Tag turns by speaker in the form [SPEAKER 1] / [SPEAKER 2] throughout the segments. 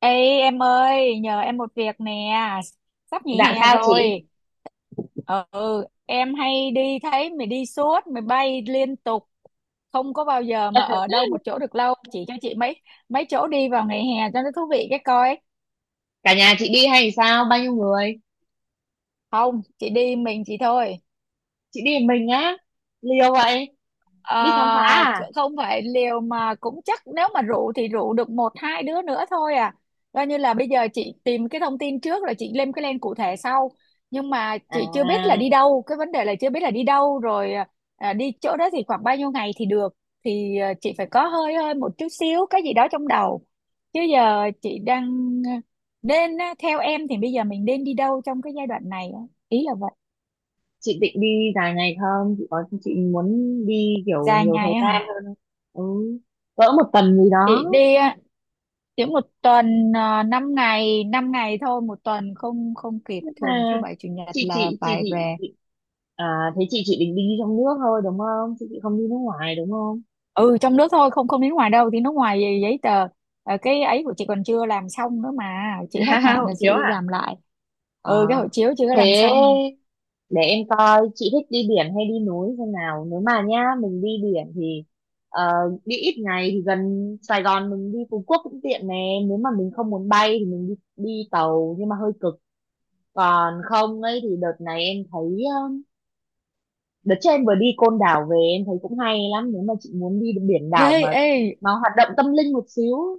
[SPEAKER 1] Ê em ơi, nhờ em một việc nè, sắp
[SPEAKER 2] Dạ,
[SPEAKER 1] nghỉ hè
[SPEAKER 2] sao chị?
[SPEAKER 1] rồi. Em hay đi thấy mày đi suốt, mày bay liên tục, không có bao giờ mà ở đâu một chỗ được lâu. Chỉ cho chị mấy mấy chỗ đi vào ngày hè cho nó thú vị cái coi.
[SPEAKER 2] Cả nhà chị đi hay sao? Bao nhiêu người?
[SPEAKER 1] Không, chị đi mình chị thôi.
[SPEAKER 2] Chị đi một mình á? Liều vậy?
[SPEAKER 1] Ờ,
[SPEAKER 2] Đi khám phá à?
[SPEAKER 1] Không phải liều mà cũng chắc nếu mà rủ thì rủ được một hai đứa nữa thôi à, coi như là bây giờ chị tìm cái thông tin trước rồi chị lên cái plan cụ thể sau, nhưng mà
[SPEAKER 2] À,
[SPEAKER 1] chị chưa biết là đi đâu, cái vấn đề là chưa biết là đi đâu rồi à, đi chỗ đó thì khoảng bao nhiêu ngày thì được, thì chị phải có hơi hơi một chút xíu cái gì đó trong đầu, chứ giờ chị đang ờ, nên á, theo em thì bây giờ mình nên đi đâu trong cái giai đoạn này á? Ý là vậy.
[SPEAKER 2] chị định đi dài ngày không? Chị muốn đi kiểu
[SPEAKER 1] Dài
[SPEAKER 2] nhiều thời
[SPEAKER 1] ngày á hả?
[SPEAKER 2] gian hơn không? Ừ, cỡ một tuần gì đó.
[SPEAKER 1] Chị đi chỉ một tuần, 5 ngày 5 ngày thôi, một tuần không không kịp, thường thứ
[SPEAKER 2] À,
[SPEAKER 1] bảy chủ nhật
[SPEAKER 2] chị
[SPEAKER 1] là
[SPEAKER 2] chị chị
[SPEAKER 1] phải
[SPEAKER 2] chị
[SPEAKER 1] về.
[SPEAKER 2] chị- à, Thế chị định đi trong nước thôi, đúng không? Chị không đi nước ngoài, đúng không?
[SPEAKER 1] Ừ, trong nước thôi, không không đến ngoài đâu, thì nước ngoài gì giấy tờ. Cái ấy của chị còn chưa làm xong nữa mà, chị hết hạn
[SPEAKER 2] Hộ
[SPEAKER 1] là chị
[SPEAKER 2] chiếu à?
[SPEAKER 1] làm lại.
[SPEAKER 2] Ờ.
[SPEAKER 1] Ừ, cái hộ chiếu chưa có làm
[SPEAKER 2] Thế
[SPEAKER 1] xong.
[SPEAKER 2] để em coi chị thích đi biển hay đi núi thế nào. Nếu mà nhá, mình đi biển thì ờ, đi ít ngày thì gần Sài Gòn, mình đi Phú Quốc cũng tiện nè. Nếu mà mình không muốn bay thì mình đi tàu, nhưng mà hơi cực. Còn không ấy thì đợt này em thấy, ờ, đợt trước em vừa đi Côn Đảo về em thấy cũng hay lắm. Nếu mà chị muốn đi biển đảo
[SPEAKER 1] Ê,
[SPEAKER 2] mà
[SPEAKER 1] ê.
[SPEAKER 2] mà hoạt động tâm linh một xíu.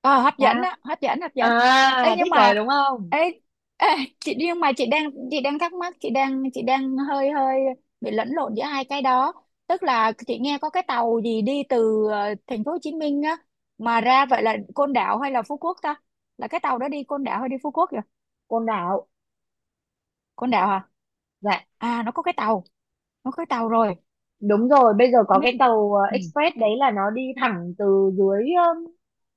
[SPEAKER 1] Ờ, hấp dẫn
[SPEAKER 2] Sao?
[SPEAKER 1] á, hấp dẫn, hấp dẫn. Ấy
[SPEAKER 2] À,
[SPEAKER 1] nhưng
[SPEAKER 2] thích rồi
[SPEAKER 1] mà,
[SPEAKER 2] đúng không?
[SPEAKER 1] ấy, ê, chị nhưng mà chị đang thắc mắc, chị đang hơi hơi bị lẫn lộn giữa hai cái đó. Tức là chị nghe có cái tàu gì đi từ thành phố Hồ Chí Minh á, mà ra vậy là Côn Đảo hay là Phú Quốc ta, là cái tàu đó đi Côn Đảo hay đi Phú Quốc vậy?
[SPEAKER 2] Côn Đảo.
[SPEAKER 1] Côn Đảo à?
[SPEAKER 2] Dạ,
[SPEAKER 1] À, nó có cái tàu rồi.
[SPEAKER 2] đúng rồi, bây giờ
[SPEAKER 1] Không
[SPEAKER 2] có
[SPEAKER 1] biết.
[SPEAKER 2] cái tàu
[SPEAKER 1] Ừ.
[SPEAKER 2] express, đấy là nó đi thẳng từ dưới, ờ,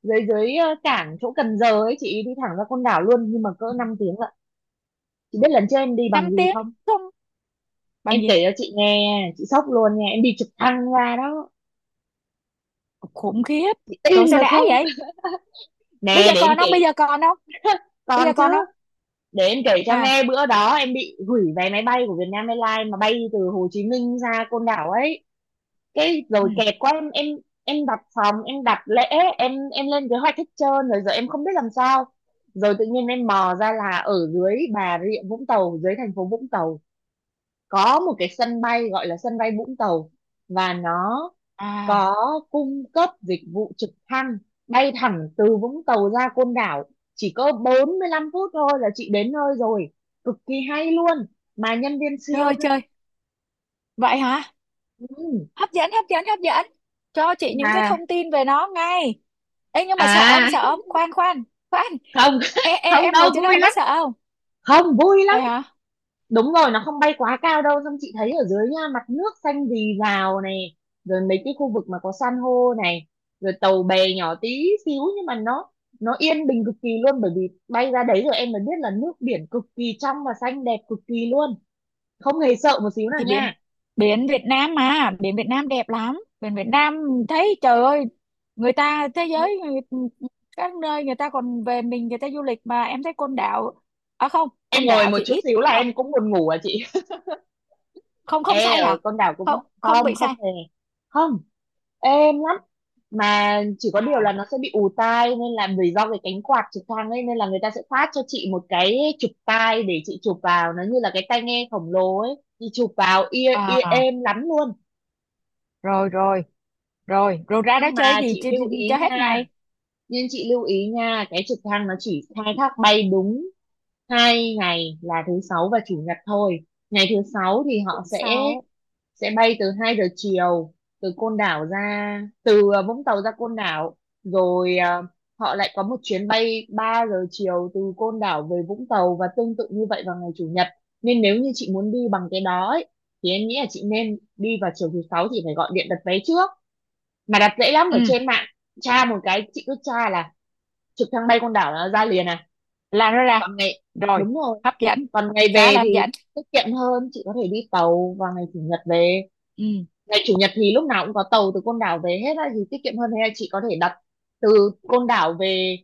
[SPEAKER 2] dưới dưới ờ, cảng chỗ Cần Giờ ấy, chị đi thẳng ra Côn Đảo luôn, nhưng mà cỡ 5 tiếng lận. Chị biết lần trước em đi bằng
[SPEAKER 1] 5
[SPEAKER 2] gì
[SPEAKER 1] tiếng?
[SPEAKER 2] không?
[SPEAKER 1] Không.
[SPEAKER 2] Em
[SPEAKER 1] Bằng gì?
[SPEAKER 2] kể cho chị nghe chị sốc luôn nha, em đi trực thăng ra đó.
[SPEAKER 1] Khủng khiếp.
[SPEAKER 2] Chị
[SPEAKER 1] Rồi
[SPEAKER 2] tin
[SPEAKER 1] sao
[SPEAKER 2] được
[SPEAKER 1] đã
[SPEAKER 2] không?
[SPEAKER 1] vậy? Bây
[SPEAKER 2] Nè,
[SPEAKER 1] giờ
[SPEAKER 2] để em
[SPEAKER 1] còn không
[SPEAKER 2] kể.
[SPEAKER 1] bây giờ còn không bây
[SPEAKER 2] Còn
[SPEAKER 1] giờ
[SPEAKER 2] chứ.
[SPEAKER 1] còn không
[SPEAKER 2] Để em kể cho
[SPEAKER 1] À.
[SPEAKER 2] nghe, bữa đó em bị hủy vé máy bay của Vietnam Airlines mà bay từ Hồ Chí Minh ra Côn Đảo ấy. Cái
[SPEAKER 1] Ừ.
[SPEAKER 2] rồi kẹt quá, em đặt phòng, em đặt lễ, em lên kế hoạch hết trơn rồi, giờ em không biết làm sao. Rồi tự nhiên em mò ra là ở dưới Bà Rịa Vũng Tàu, dưới thành phố Vũng Tàu có một cái sân bay gọi là sân bay Vũng Tàu, và nó
[SPEAKER 1] À,
[SPEAKER 2] có cung cấp dịch vụ trực thăng bay thẳng từ Vũng Tàu ra Côn Đảo, chỉ có 45 phút thôi là chị đến nơi rồi, cực kỳ hay luôn. Mà nhân viên siêu
[SPEAKER 1] chơi
[SPEAKER 2] thân-
[SPEAKER 1] chơi. Vậy hả?
[SPEAKER 2] ừ,
[SPEAKER 1] Hấp dẫn, hấp dẫn, hấp dẫn. Cho chị những cái
[SPEAKER 2] mà
[SPEAKER 1] thông tin về nó ngay. Ê, nhưng mà sợ ông,
[SPEAKER 2] à
[SPEAKER 1] sợ ông, khoan, khoan, khoan.
[SPEAKER 2] không. Không
[SPEAKER 1] Em
[SPEAKER 2] đâu,
[SPEAKER 1] ngồi trên đó
[SPEAKER 2] vui
[SPEAKER 1] em có
[SPEAKER 2] lắm.
[SPEAKER 1] sợ không?
[SPEAKER 2] Không, vui lắm.
[SPEAKER 1] Vậy hả?
[SPEAKER 2] Đúng rồi, nó không bay quá cao đâu, xong chị thấy ở dưới nha, mặt nước xanh rì rào này, rồi mấy cái khu vực mà có san hô này, rồi tàu bè nhỏ tí xíu, nhưng mà nó yên bình cực kỳ luôn. Bởi vì bay ra đấy rồi em mới biết là nước biển cực kỳ trong và xanh, đẹp cực kỳ luôn, không hề sợ một xíu nào
[SPEAKER 1] Thì biển,
[SPEAKER 2] nha.
[SPEAKER 1] biển Việt Nam mà. Biển Việt Nam đẹp lắm. Biển Việt Nam thấy, trời ơi, người ta, thế giới, các nơi người ta còn về mình, người ta du lịch mà. Em thấy Côn Đảo, à không,
[SPEAKER 2] Em
[SPEAKER 1] Côn
[SPEAKER 2] ngồi
[SPEAKER 1] Đảo
[SPEAKER 2] một
[SPEAKER 1] thì
[SPEAKER 2] chút
[SPEAKER 1] ít,
[SPEAKER 2] xíu là
[SPEAKER 1] đúng không?
[SPEAKER 2] em cũng buồn ngủ à chị.
[SPEAKER 1] Không, không
[SPEAKER 2] Ê,
[SPEAKER 1] say
[SPEAKER 2] ở
[SPEAKER 1] hả?
[SPEAKER 2] con đảo cũng
[SPEAKER 1] Không, không
[SPEAKER 2] không,
[SPEAKER 1] bị
[SPEAKER 2] không
[SPEAKER 1] say.
[SPEAKER 2] hề, không, êm lắm. Mà chỉ có điều là
[SPEAKER 1] À,
[SPEAKER 2] nó sẽ bị ù tai, nên là vì do cái cánh quạt trực thăng ấy, nên là người ta sẽ phát cho chị một cái chụp tai để chị chụp vào, nó như là cái tai nghe khổng lồ ấy. Chị chụp vào ear ear,
[SPEAKER 1] à,
[SPEAKER 2] êm lắm luôn.
[SPEAKER 1] rồi, rồi. Rồi rồi, ra đó
[SPEAKER 2] nhưng
[SPEAKER 1] chơi
[SPEAKER 2] mà
[SPEAKER 1] gì
[SPEAKER 2] chị
[SPEAKER 1] chơi,
[SPEAKER 2] lưu ý
[SPEAKER 1] chơi hết
[SPEAKER 2] nha
[SPEAKER 1] ngày.
[SPEAKER 2] nhưng chị lưu ý nha Cái trực thăng nó chỉ khai thác bay đúng 2 ngày là thứ sáu và chủ nhật thôi. Ngày thứ sáu thì họ sẽ
[SPEAKER 1] Sáu.
[SPEAKER 2] sẽ bay từ 2 giờ chiều, từ Côn Đảo ra từ ờ, Vũng Tàu ra Côn Đảo. Rồi họ lại có một chuyến bay 3 giờ chiều từ Côn Đảo về Vũng Tàu, và tương tự như vậy vào ngày chủ nhật. Nên nếu như chị muốn đi bằng cái đó ấy, thì em nghĩ là chị nên đi vào chiều thứ sáu, chị phải gọi điện đặt vé trước, mà đặt dễ lắm
[SPEAKER 1] Ừ,
[SPEAKER 2] ở trên mạng. Tra một cái, chị cứ tra là trực thăng bay Côn Đảo là ra liền à.
[SPEAKER 1] là nó ra
[SPEAKER 2] Còn ngày
[SPEAKER 1] rồi.
[SPEAKER 2] Đúng rồi.
[SPEAKER 1] Hấp dẫn,
[SPEAKER 2] Còn ngày
[SPEAKER 1] khá
[SPEAKER 2] về
[SPEAKER 1] là hấp
[SPEAKER 2] thì
[SPEAKER 1] dẫn.
[SPEAKER 2] tiết kiệm hơn, chị có thể đi tàu vào ngày chủ nhật về.
[SPEAKER 1] Ừ.
[SPEAKER 2] Ngày chủ nhật thì lúc nào cũng có tàu từ Côn Đảo về hết á, thì tiết kiệm hơn. Thế là chị có thể đặt từ Côn Đảo về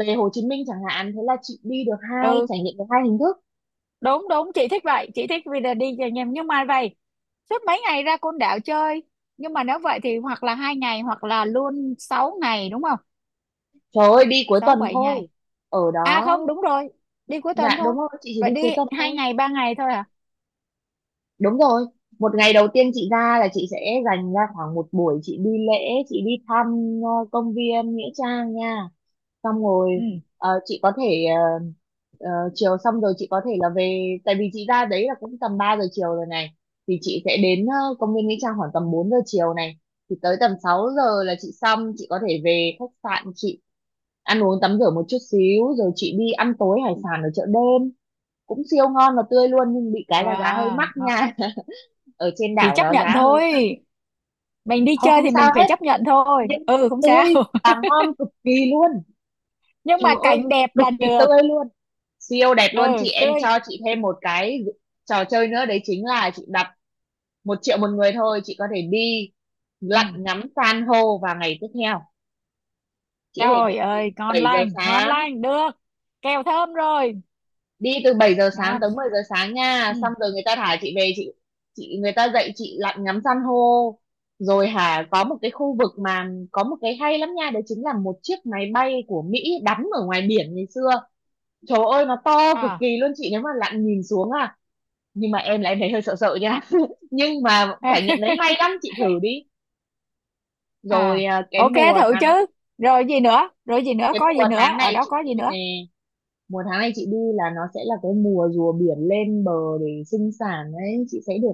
[SPEAKER 2] về Hồ Chí Minh chẳng hạn, thế là chị đi được hai
[SPEAKER 1] Ừ,
[SPEAKER 2] trải nghiệm, được hai hình thức.
[SPEAKER 1] đúng đúng, chị thích vậy, chị thích vì là đi nhầm, nhưng mà vậy suốt mấy ngày ra Côn Đảo chơi, nhưng mà nếu vậy thì hoặc là hai ngày hoặc là luôn 6 ngày, đúng không?
[SPEAKER 2] Trời ơi, đi cuối
[SPEAKER 1] Sáu
[SPEAKER 2] tuần
[SPEAKER 1] bảy
[SPEAKER 2] thôi,
[SPEAKER 1] ngày.
[SPEAKER 2] ở
[SPEAKER 1] À
[SPEAKER 2] đó.
[SPEAKER 1] không, đúng rồi, đi cuối tuần
[SPEAKER 2] Dạ,
[SPEAKER 1] thôi.
[SPEAKER 2] đúng rồi, chị chỉ
[SPEAKER 1] Vậy
[SPEAKER 2] đi
[SPEAKER 1] đi
[SPEAKER 2] cuối tuần
[SPEAKER 1] hai
[SPEAKER 2] thôi.
[SPEAKER 1] ngày ba ngày thôi à?
[SPEAKER 2] Đúng rồi, một ngày đầu tiên chị ra là chị sẽ dành ra khoảng một buổi, chị đi lễ, chị đi thăm công viên Nghĩa Trang nha. Xong rồi
[SPEAKER 1] Ừ.
[SPEAKER 2] ờ, chị có thể ờ, ờ, chiều, xong rồi chị có thể là về, tại vì chị ra đấy là cũng tầm 3 giờ chiều rồi này, thì chị sẽ đến công viên Nghĩa Trang khoảng tầm 4 giờ chiều này, thì tới tầm 6 giờ là chị xong, chị có thể về khách sạn, chị ăn uống tắm rửa một chút xíu, rồi chị đi ăn tối hải sản ở chợ đêm, cũng siêu ngon và tươi luôn, nhưng bị cái là giá hơi
[SPEAKER 1] À,
[SPEAKER 2] mắc
[SPEAKER 1] đó.
[SPEAKER 2] nha. Ở trên
[SPEAKER 1] Thì
[SPEAKER 2] đảo
[SPEAKER 1] chấp
[SPEAKER 2] đó
[SPEAKER 1] nhận
[SPEAKER 2] giá hơi
[SPEAKER 1] thôi,
[SPEAKER 2] mắc.
[SPEAKER 1] mình đi
[SPEAKER 2] Ờ,
[SPEAKER 1] chơi
[SPEAKER 2] không
[SPEAKER 1] thì
[SPEAKER 2] sao
[SPEAKER 1] mình phải
[SPEAKER 2] hết,
[SPEAKER 1] chấp nhận thôi.
[SPEAKER 2] nhưng
[SPEAKER 1] Ừ, không sao.
[SPEAKER 2] tươi và ngon cực kỳ luôn.
[SPEAKER 1] Nhưng
[SPEAKER 2] Trời
[SPEAKER 1] mà
[SPEAKER 2] ơi,
[SPEAKER 1] cảnh đẹp
[SPEAKER 2] cực
[SPEAKER 1] là
[SPEAKER 2] kỳ
[SPEAKER 1] được.
[SPEAKER 2] tươi luôn. Siêu đẹp luôn
[SPEAKER 1] Ừ,
[SPEAKER 2] chị, em
[SPEAKER 1] tươi.
[SPEAKER 2] cho chị thêm một cái trò chơi nữa, đấy chính là chị đặt 1 triệu một người thôi, chị có thể đi
[SPEAKER 1] Ừ.
[SPEAKER 2] lặn ngắm san hô vào ngày tiếp theo. Chị có thể đi
[SPEAKER 1] Trời
[SPEAKER 2] từ
[SPEAKER 1] ơi, ngon
[SPEAKER 2] 7 giờ
[SPEAKER 1] lành, ngon
[SPEAKER 2] sáng,
[SPEAKER 1] lành được, kèo thơm rồi.
[SPEAKER 2] đi từ 7 giờ sáng
[SPEAKER 1] Ngon.
[SPEAKER 2] tới 10 giờ sáng nha,
[SPEAKER 1] Ừ.
[SPEAKER 2] xong rồi người ta thả chị về, chị người ta dạy chị lặn ngắm san hô. Rồi hả, có một cái khu vực mà có một cái hay lắm nha, đấy chính là một chiếc máy bay của Mỹ đắm ở ngoài biển ngày xưa. Trời ơi, nó to cực
[SPEAKER 1] À,
[SPEAKER 2] kỳ luôn chị, nếu mà lặn nhìn xuống à. Nhưng mà em là em thấy hơi sợ sợ nha. Nhưng mà trải nghiệm đấy hay lắm, chị thử đi. Rồi
[SPEAKER 1] à, ok thử chứ. Rồi gì nữa, rồi gì nữa,
[SPEAKER 2] cái
[SPEAKER 1] có
[SPEAKER 2] mùa
[SPEAKER 1] gì nữa,
[SPEAKER 2] tháng
[SPEAKER 1] ở
[SPEAKER 2] này
[SPEAKER 1] đó
[SPEAKER 2] chị
[SPEAKER 1] có gì
[SPEAKER 2] đi nè,
[SPEAKER 1] nữa?
[SPEAKER 2] mùa tháng này chị đi là nó sẽ là cái mùa rùa biển lên bờ để sinh sản đấy. Chị sẽ được,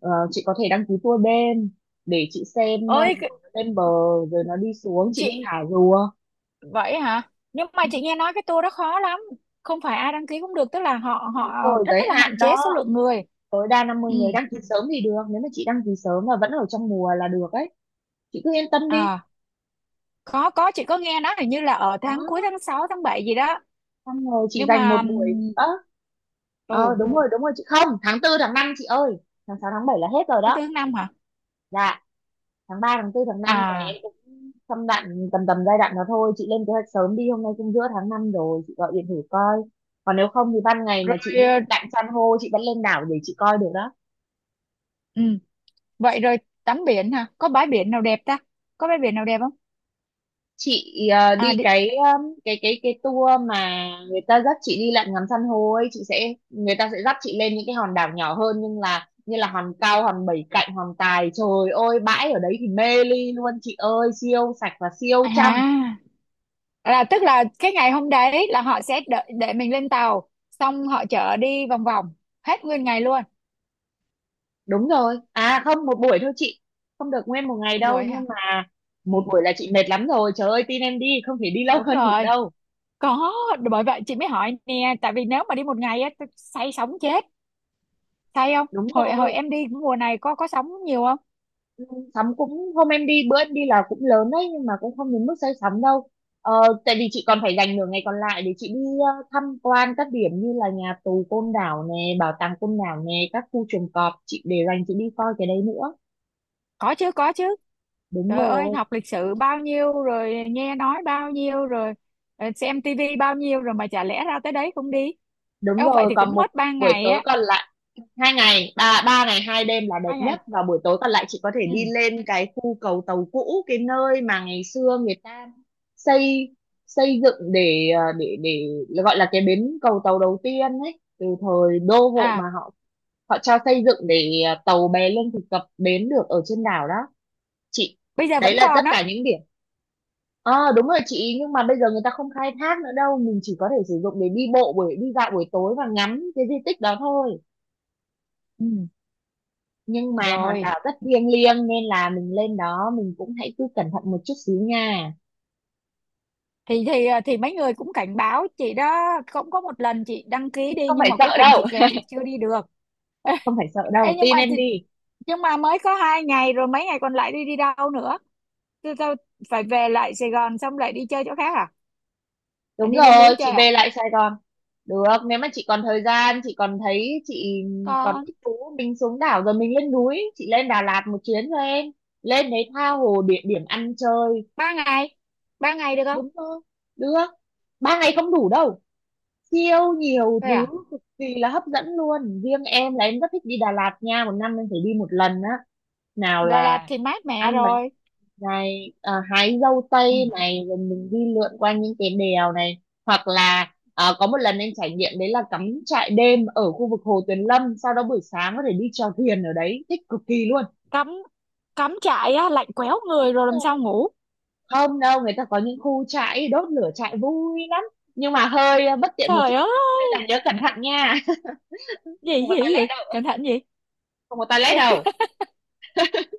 [SPEAKER 2] chị có thể đăng ký tour đêm để chị xem
[SPEAKER 1] ơi
[SPEAKER 2] rùa
[SPEAKER 1] cái-
[SPEAKER 2] nó lên bờ rồi nó đi xuống, chị đi
[SPEAKER 1] chị.
[SPEAKER 2] thả rùa.
[SPEAKER 1] Vậy hả? Nhưng mà chị nghe nói cái tour đó khó lắm, không phải ai đăng ký cũng được, tức là họ họ
[SPEAKER 2] Đúng rồi,
[SPEAKER 1] rất
[SPEAKER 2] giới
[SPEAKER 1] là
[SPEAKER 2] hạn
[SPEAKER 1] hạn chế
[SPEAKER 2] đó,
[SPEAKER 1] số lượng người.
[SPEAKER 2] tối đa năm mươi
[SPEAKER 1] Ừ.
[SPEAKER 2] người đăng ký sớm thì được. Nếu mà chị đăng ký sớm và vẫn ở trong mùa là được ấy, chị cứ yên tâm đi.
[SPEAKER 1] À, có, chị có nghe nói hình như là ở tháng cuối,
[SPEAKER 2] Đó,
[SPEAKER 1] tháng 6 tháng 7 gì đó.
[SPEAKER 2] xong rồi chị
[SPEAKER 1] Nhưng
[SPEAKER 2] dành
[SPEAKER 1] mà
[SPEAKER 2] một buổi nữa.
[SPEAKER 1] ừ,
[SPEAKER 2] Đúng rồi, đúng rồi, chị không, tháng tư tháng năm chị ơi, tháng sáu tháng bảy là hết rồi
[SPEAKER 1] tháng tư
[SPEAKER 2] đó.
[SPEAKER 1] tháng năm hả?
[SPEAKER 2] Dạ, tháng ba tháng tư tháng năm này
[SPEAKER 1] À,
[SPEAKER 2] em cũng, trong đoạn tầm tầm giai đoạn đó thôi, chị lên kế hoạch sớm đi, hôm nay cũng giữa tháng năm rồi, chị gọi điện thử coi. Còn nếu không thì ban ngày
[SPEAKER 1] rồi,
[SPEAKER 2] mà chị đi lặn san hô chị vẫn lên đảo để chị coi được đó.
[SPEAKER 1] ừ. Vậy rồi, tắm biển hả, có bãi biển nào đẹp ta, có bãi biển nào đẹp không?
[SPEAKER 2] Chị
[SPEAKER 1] À,
[SPEAKER 2] đi
[SPEAKER 1] đi,
[SPEAKER 2] cái, cái tour mà người ta dắt chị đi lặn ngắm san hô ấy, chị sẽ, người ta sẽ dắt chị lên những cái hòn đảo nhỏ hơn, nhưng là như là hòn Cao, hòn Bảy Cạnh, hòn Tài, trời ơi, bãi ở đấy thì mê ly luôn chị ơi, siêu sạch và siêu
[SPEAKER 1] à,
[SPEAKER 2] trong.
[SPEAKER 1] là tức là cái ngày hôm đấy là họ sẽ đợi để mình lên tàu, xong họ chở đi vòng vòng hết nguyên ngày luôn?
[SPEAKER 2] Đúng rồi, à không, một buổi thôi chị, không được nguyên một ngày
[SPEAKER 1] Một
[SPEAKER 2] đâu.
[SPEAKER 1] buổi hả?
[SPEAKER 2] Nhưng mà
[SPEAKER 1] Ừ,
[SPEAKER 2] một buổi là chị mệt lắm rồi, trời ơi tin em đi, không thể đi lâu
[SPEAKER 1] đúng
[SPEAKER 2] hơn được
[SPEAKER 1] rồi,
[SPEAKER 2] đâu.
[SPEAKER 1] có. Bởi vậy chị mới hỏi nè, tại vì nếu mà đi một ngày á tôi say sóng chết. Say không,
[SPEAKER 2] Đúng
[SPEAKER 1] hồi hồi
[SPEAKER 2] rồi,
[SPEAKER 1] em đi mùa này có sóng nhiều không?
[SPEAKER 2] sắm cũng, hôm em đi, bữa em đi là cũng lớn đấy, nhưng mà cũng không đến mức say sắm đâu. Ờ, tại vì chị còn phải dành nửa ngày còn lại để chị đi tham quan các điểm như là nhà tù Côn Đảo nè, bảo tàng Côn Đảo nè, các khu chuồng cọp, chị để dành chị đi coi cái đấy nữa.
[SPEAKER 1] Có chứ, có chứ.
[SPEAKER 2] Đúng
[SPEAKER 1] Trời ơi,
[SPEAKER 2] rồi,
[SPEAKER 1] học lịch sử bao nhiêu rồi, nghe nói bao nhiêu rồi, xem tivi bao nhiêu rồi mà chả lẽ ra tới đấy không đi.
[SPEAKER 2] đúng
[SPEAKER 1] Eo, vậy
[SPEAKER 2] rồi,
[SPEAKER 1] thì
[SPEAKER 2] còn
[SPEAKER 1] cũng
[SPEAKER 2] một
[SPEAKER 1] mất 3
[SPEAKER 2] buổi
[SPEAKER 1] ngày
[SPEAKER 2] tối
[SPEAKER 1] á?
[SPEAKER 2] còn lại, hai ngày, ba ba ngày 2 đêm là đẹp
[SPEAKER 1] Hai ngày.
[SPEAKER 2] nhất, và buổi tối còn lại chị có thể
[SPEAKER 1] Ừ.
[SPEAKER 2] đi lên cái khu cầu tàu cũ, cái nơi mà ngày xưa người ta xây xây dựng để để gọi là cái bến cầu tàu đầu tiên ấy, từ thời đô hộ mà
[SPEAKER 1] À,
[SPEAKER 2] họ họ cho xây dựng để tàu bè lương thực cập bến được ở trên đảo đó chị.
[SPEAKER 1] bây giờ
[SPEAKER 2] Đấy
[SPEAKER 1] vẫn
[SPEAKER 2] là
[SPEAKER 1] còn
[SPEAKER 2] tất
[SPEAKER 1] á?
[SPEAKER 2] cả những điểm. Ờ Đúng rồi chị, nhưng mà bây giờ người ta không khai thác nữa đâu, mình chỉ có thể sử dụng để đi bộ, buổi đi dạo buổi tối và ngắm cái di tích đó thôi.
[SPEAKER 1] Ừ.
[SPEAKER 2] Nhưng mà hòn
[SPEAKER 1] Rồi,
[SPEAKER 2] đảo rất thiêng liêng, nên là mình lên đó mình cũng hãy cứ cẩn thận một chút xíu nha.
[SPEAKER 1] thì thì mấy người cũng cảnh báo chị đó, cũng có một lần chị đăng ký đi
[SPEAKER 2] Không
[SPEAKER 1] nhưng
[SPEAKER 2] phải
[SPEAKER 1] mà cuối
[SPEAKER 2] sợ
[SPEAKER 1] cùng chị
[SPEAKER 2] đâu,
[SPEAKER 1] kẹt, chị chưa đi được.
[SPEAKER 2] không phải sợ
[SPEAKER 1] Ê,
[SPEAKER 2] đâu,
[SPEAKER 1] nhưng
[SPEAKER 2] tin
[SPEAKER 1] mà
[SPEAKER 2] em
[SPEAKER 1] thì,
[SPEAKER 2] đi.
[SPEAKER 1] nhưng mà mới có hai ngày rồi, mấy ngày còn lại đi đi đâu nữa? Tôi phải về lại Sài Gòn xong lại đi chơi chỗ khác à? Là
[SPEAKER 2] Đúng
[SPEAKER 1] đi lên núi
[SPEAKER 2] rồi, chị
[SPEAKER 1] chơi à?
[SPEAKER 2] về lại Sài Gòn được, nếu mà chị còn thời gian, chị còn thấy chị còn
[SPEAKER 1] Con.
[SPEAKER 2] thích thú, mình xuống đảo rồi mình lên núi, chị lên Đà Lạt một chuyến cho em, lên đấy tha hồ địa điểm ăn chơi.
[SPEAKER 1] Ba ngày, ba ngày được không?
[SPEAKER 2] Đúng không? Được. 3 ngày không đủ đâu, siêu nhiều
[SPEAKER 1] Thôi
[SPEAKER 2] thứ,
[SPEAKER 1] à?
[SPEAKER 2] cực kỳ là hấp dẫn luôn. Riêng em là em rất thích đi Đà Lạt nha, một năm em phải đi một lần á. Nào
[SPEAKER 1] Rồi là
[SPEAKER 2] là
[SPEAKER 1] thì mát mẹ
[SPEAKER 2] ăn bánh
[SPEAKER 1] rồi.
[SPEAKER 2] này, à, hái dâu
[SPEAKER 1] Ừ.
[SPEAKER 2] tây này, rồi mình đi lượn qua những cái đèo này, hoặc là, à, có một lần anh trải nghiệm đấy là cắm trại đêm ở khu vực Hồ Tuyền Lâm, sau đó buổi sáng có thể đi chèo thuyền ở đấy, thích cực kỳ luôn.
[SPEAKER 1] Cắm, cắm trại á lạnh quéo người rồi làm sao ngủ.
[SPEAKER 2] Không đâu, người ta có những khu trại đốt lửa trại vui lắm, nhưng mà hơi bất tiện một chút,
[SPEAKER 1] Trời ơi,
[SPEAKER 2] nên là nhớ cẩn thận nha.
[SPEAKER 1] gì
[SPEAKER 2] Không có
[SPEAKER 1] gì gì,
[SPEAKER 2] toilet đâu,
[SPEAKER 1] cẩn thận gì?
[SPEAKER 2] không có toilet đâu.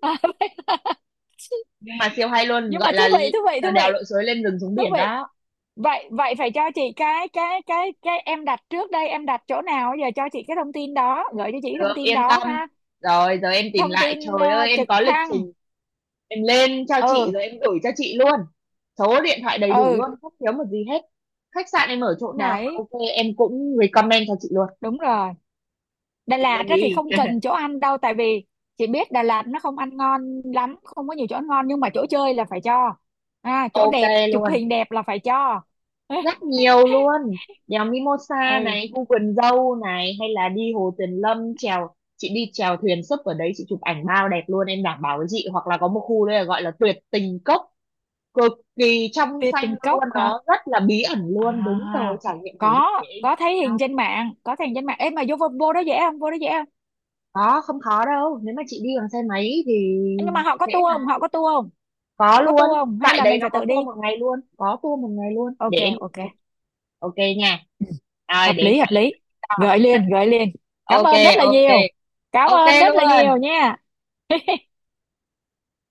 [SPEAKER 1] À,
[SPEAKER 2] Nhưng mà siêu hay luôn,
[SPEAKER 1] nhưng
[SPEAKER 2] gọi
[SPEAKER 1] mà thú
[SPEAKER 2] là
[SPEAKER 1] vị, thú vị, thú
[SPEAKER 2] trèo đèo
[SPEAKER 1] vị,
[SPEAKER 2] lội suối, lên rừng xuống
[SPEAKER 1] thú
[SPEAKER 2] biển
[SPEAKER 1] vị.
[SPEAKER 2] đó.
[SPEAKER 1] Vậy vậy phải cho chị cái cái em đặt trước đây, em đặt chỗ nào giờ cho chị cái thông tin đó, gửi cho chị cái
[SPEAKER 2] Được,
[SPEAKER 1] thông tin
[SPEAKER 2] yên tâm.
[SPEAKER 1] đó ha.
[SPEAKER 2] Rồi, giờ em tìm
[SPEAKER 1] Thông
[SPEAKER 2] lại.
[SPEAKER 1] tin
[SPEAKER 2] Trời ơi, em
[SPEAKER 1] trực
[SPEAKER 2] có lịch
[SPEAKER 1] thăng.
[SPEAKER 2] trình. Em lên cho chị
[SPEAKER 1] Ừ.
[SPEAKER 2] rồi em gửi cho chị luôn. Số điện thoại đầy đủ
[SPEAKER 1] Ừ,
[SPEAKER 2] luôn, không thiếu một gì hết. Khách sạn em ở chỗ nào mà
[SPEAKER 1] đấy,
[SPEAKER 2] ok, em cũng recommend cho chị luôn.
[SPEAKER 1] đúng rồi. Đà
[SPEAKER 2] Thì
[SPEAKER 1] Lạt
[SPEAKER 2] đem
[SPEAKER 1] á thì
[SPEAKER 2] đi.
[SPEAKER 1] không cần chỗ ăn đâu, tại vì chị biết Đà Lạt nó không ăn ngon lắm, không có nhiều chỗ ăn ngon, nhưng mà chỗ chơi là phải cho, à, chỗ
[SPEAKER 2] Ok
[SPEAKER 1] đẹp chụp
[SPEAKER 2] luôn,
[SPEAKER 1] hình đẹp là phải cho.
[SPEAKER 2] rất nhiều luôn. Đèo
[SPEAKER 1] ừ.
[SPEAKER 2] Mimosa này, khu vườn dâu này, hay là đi Hồ Tuyền Lâm, chèo, chị đi chèo thuyền súp ở đấy, chị chụp ảnh bao đẹp luôn, em đảm bảo với chị. Hoặc là có một khu đây là gọi là tuyệt tình cốc, cực kỳ trong
[SPEAKER 1] Tiệc
[SPEAKER 2] xanh
[SPEAKER 1] tình
[SPEAKER 2] luôn,
[SPEAKER 1] cốc hả?
[SPEAKER 2] nó rất là bí ẩn luôn. Đúng rồi,
[SPEAKER 1] À,
[SPEAKER 2] trải nghiệm thử đi
[SPEAKER 1] có
[SPEAKER 2] để em
[SPEAKER 1] có
[SPEAKER 2] chỉ
[SPEAKER 1] thấy
[SPEAKER 2] cho.
[SPEAKER 1] hình trên mạng, có thấy hình trên mạng. Ê mà vô vô, vô đó dễ không, vô đó dễ không?
[SPEAKER 2] Có, không khó đâu, nếu mà chị đi bằng xe máy thì
[SPEAKER 1] Ê, nhưng mà họ có
[SPEAKER 2] dễ
[SPEAKER 1] tour
[SPEAKER 2] mà.
[SPEAKER 1] không, họ có tour không,
[SPEAKER 2] Có
[SPEAKER 1] họ có
[SPEAKER 2] luôn,
[SPEAKER 1] tour không hay
[SPEAKER 2] tại
[SPEAKER 1] là
[SPEAKER 2] đấy
[SPEAKER 1] mình
[SPEAKER 2] nó
[SPEAKER 1] phải
[SPEAKER 2] có
[SPEAKER 1] tự đi?
[SPEAKER 2] tour một ngày luôn, để
[SPEAKER 1] Ok,
[SPEAKER 2] em,
[SPEAKER 1] ok,
[SPEAKER 2] ok nha. Rồi
[SPEAKER 1] hợp
[SPEAKER 2] để em
[SPEAKER 1] lý,
[SPEAKER 2] chạy
[SPEAKER 1] hợp
[SPEAKER 2] em
[SPEAKER 1] lý,
[SPEAKER 2] gửi cho.
[SPEAKER 1] gợi liền, gợi liền. Cảm
[SPEAKER 2] Ok,
[SPEAKER 1] ơn rất là
[SPEAKER 2] ok,
[SPEAKER 1] nhiều, cảm
[SPEAKER 2] ok
[SPEAKER 1] ơn rất là nhiều
[SPEAKER 2] luôn.
[SPEAKER 1] nha.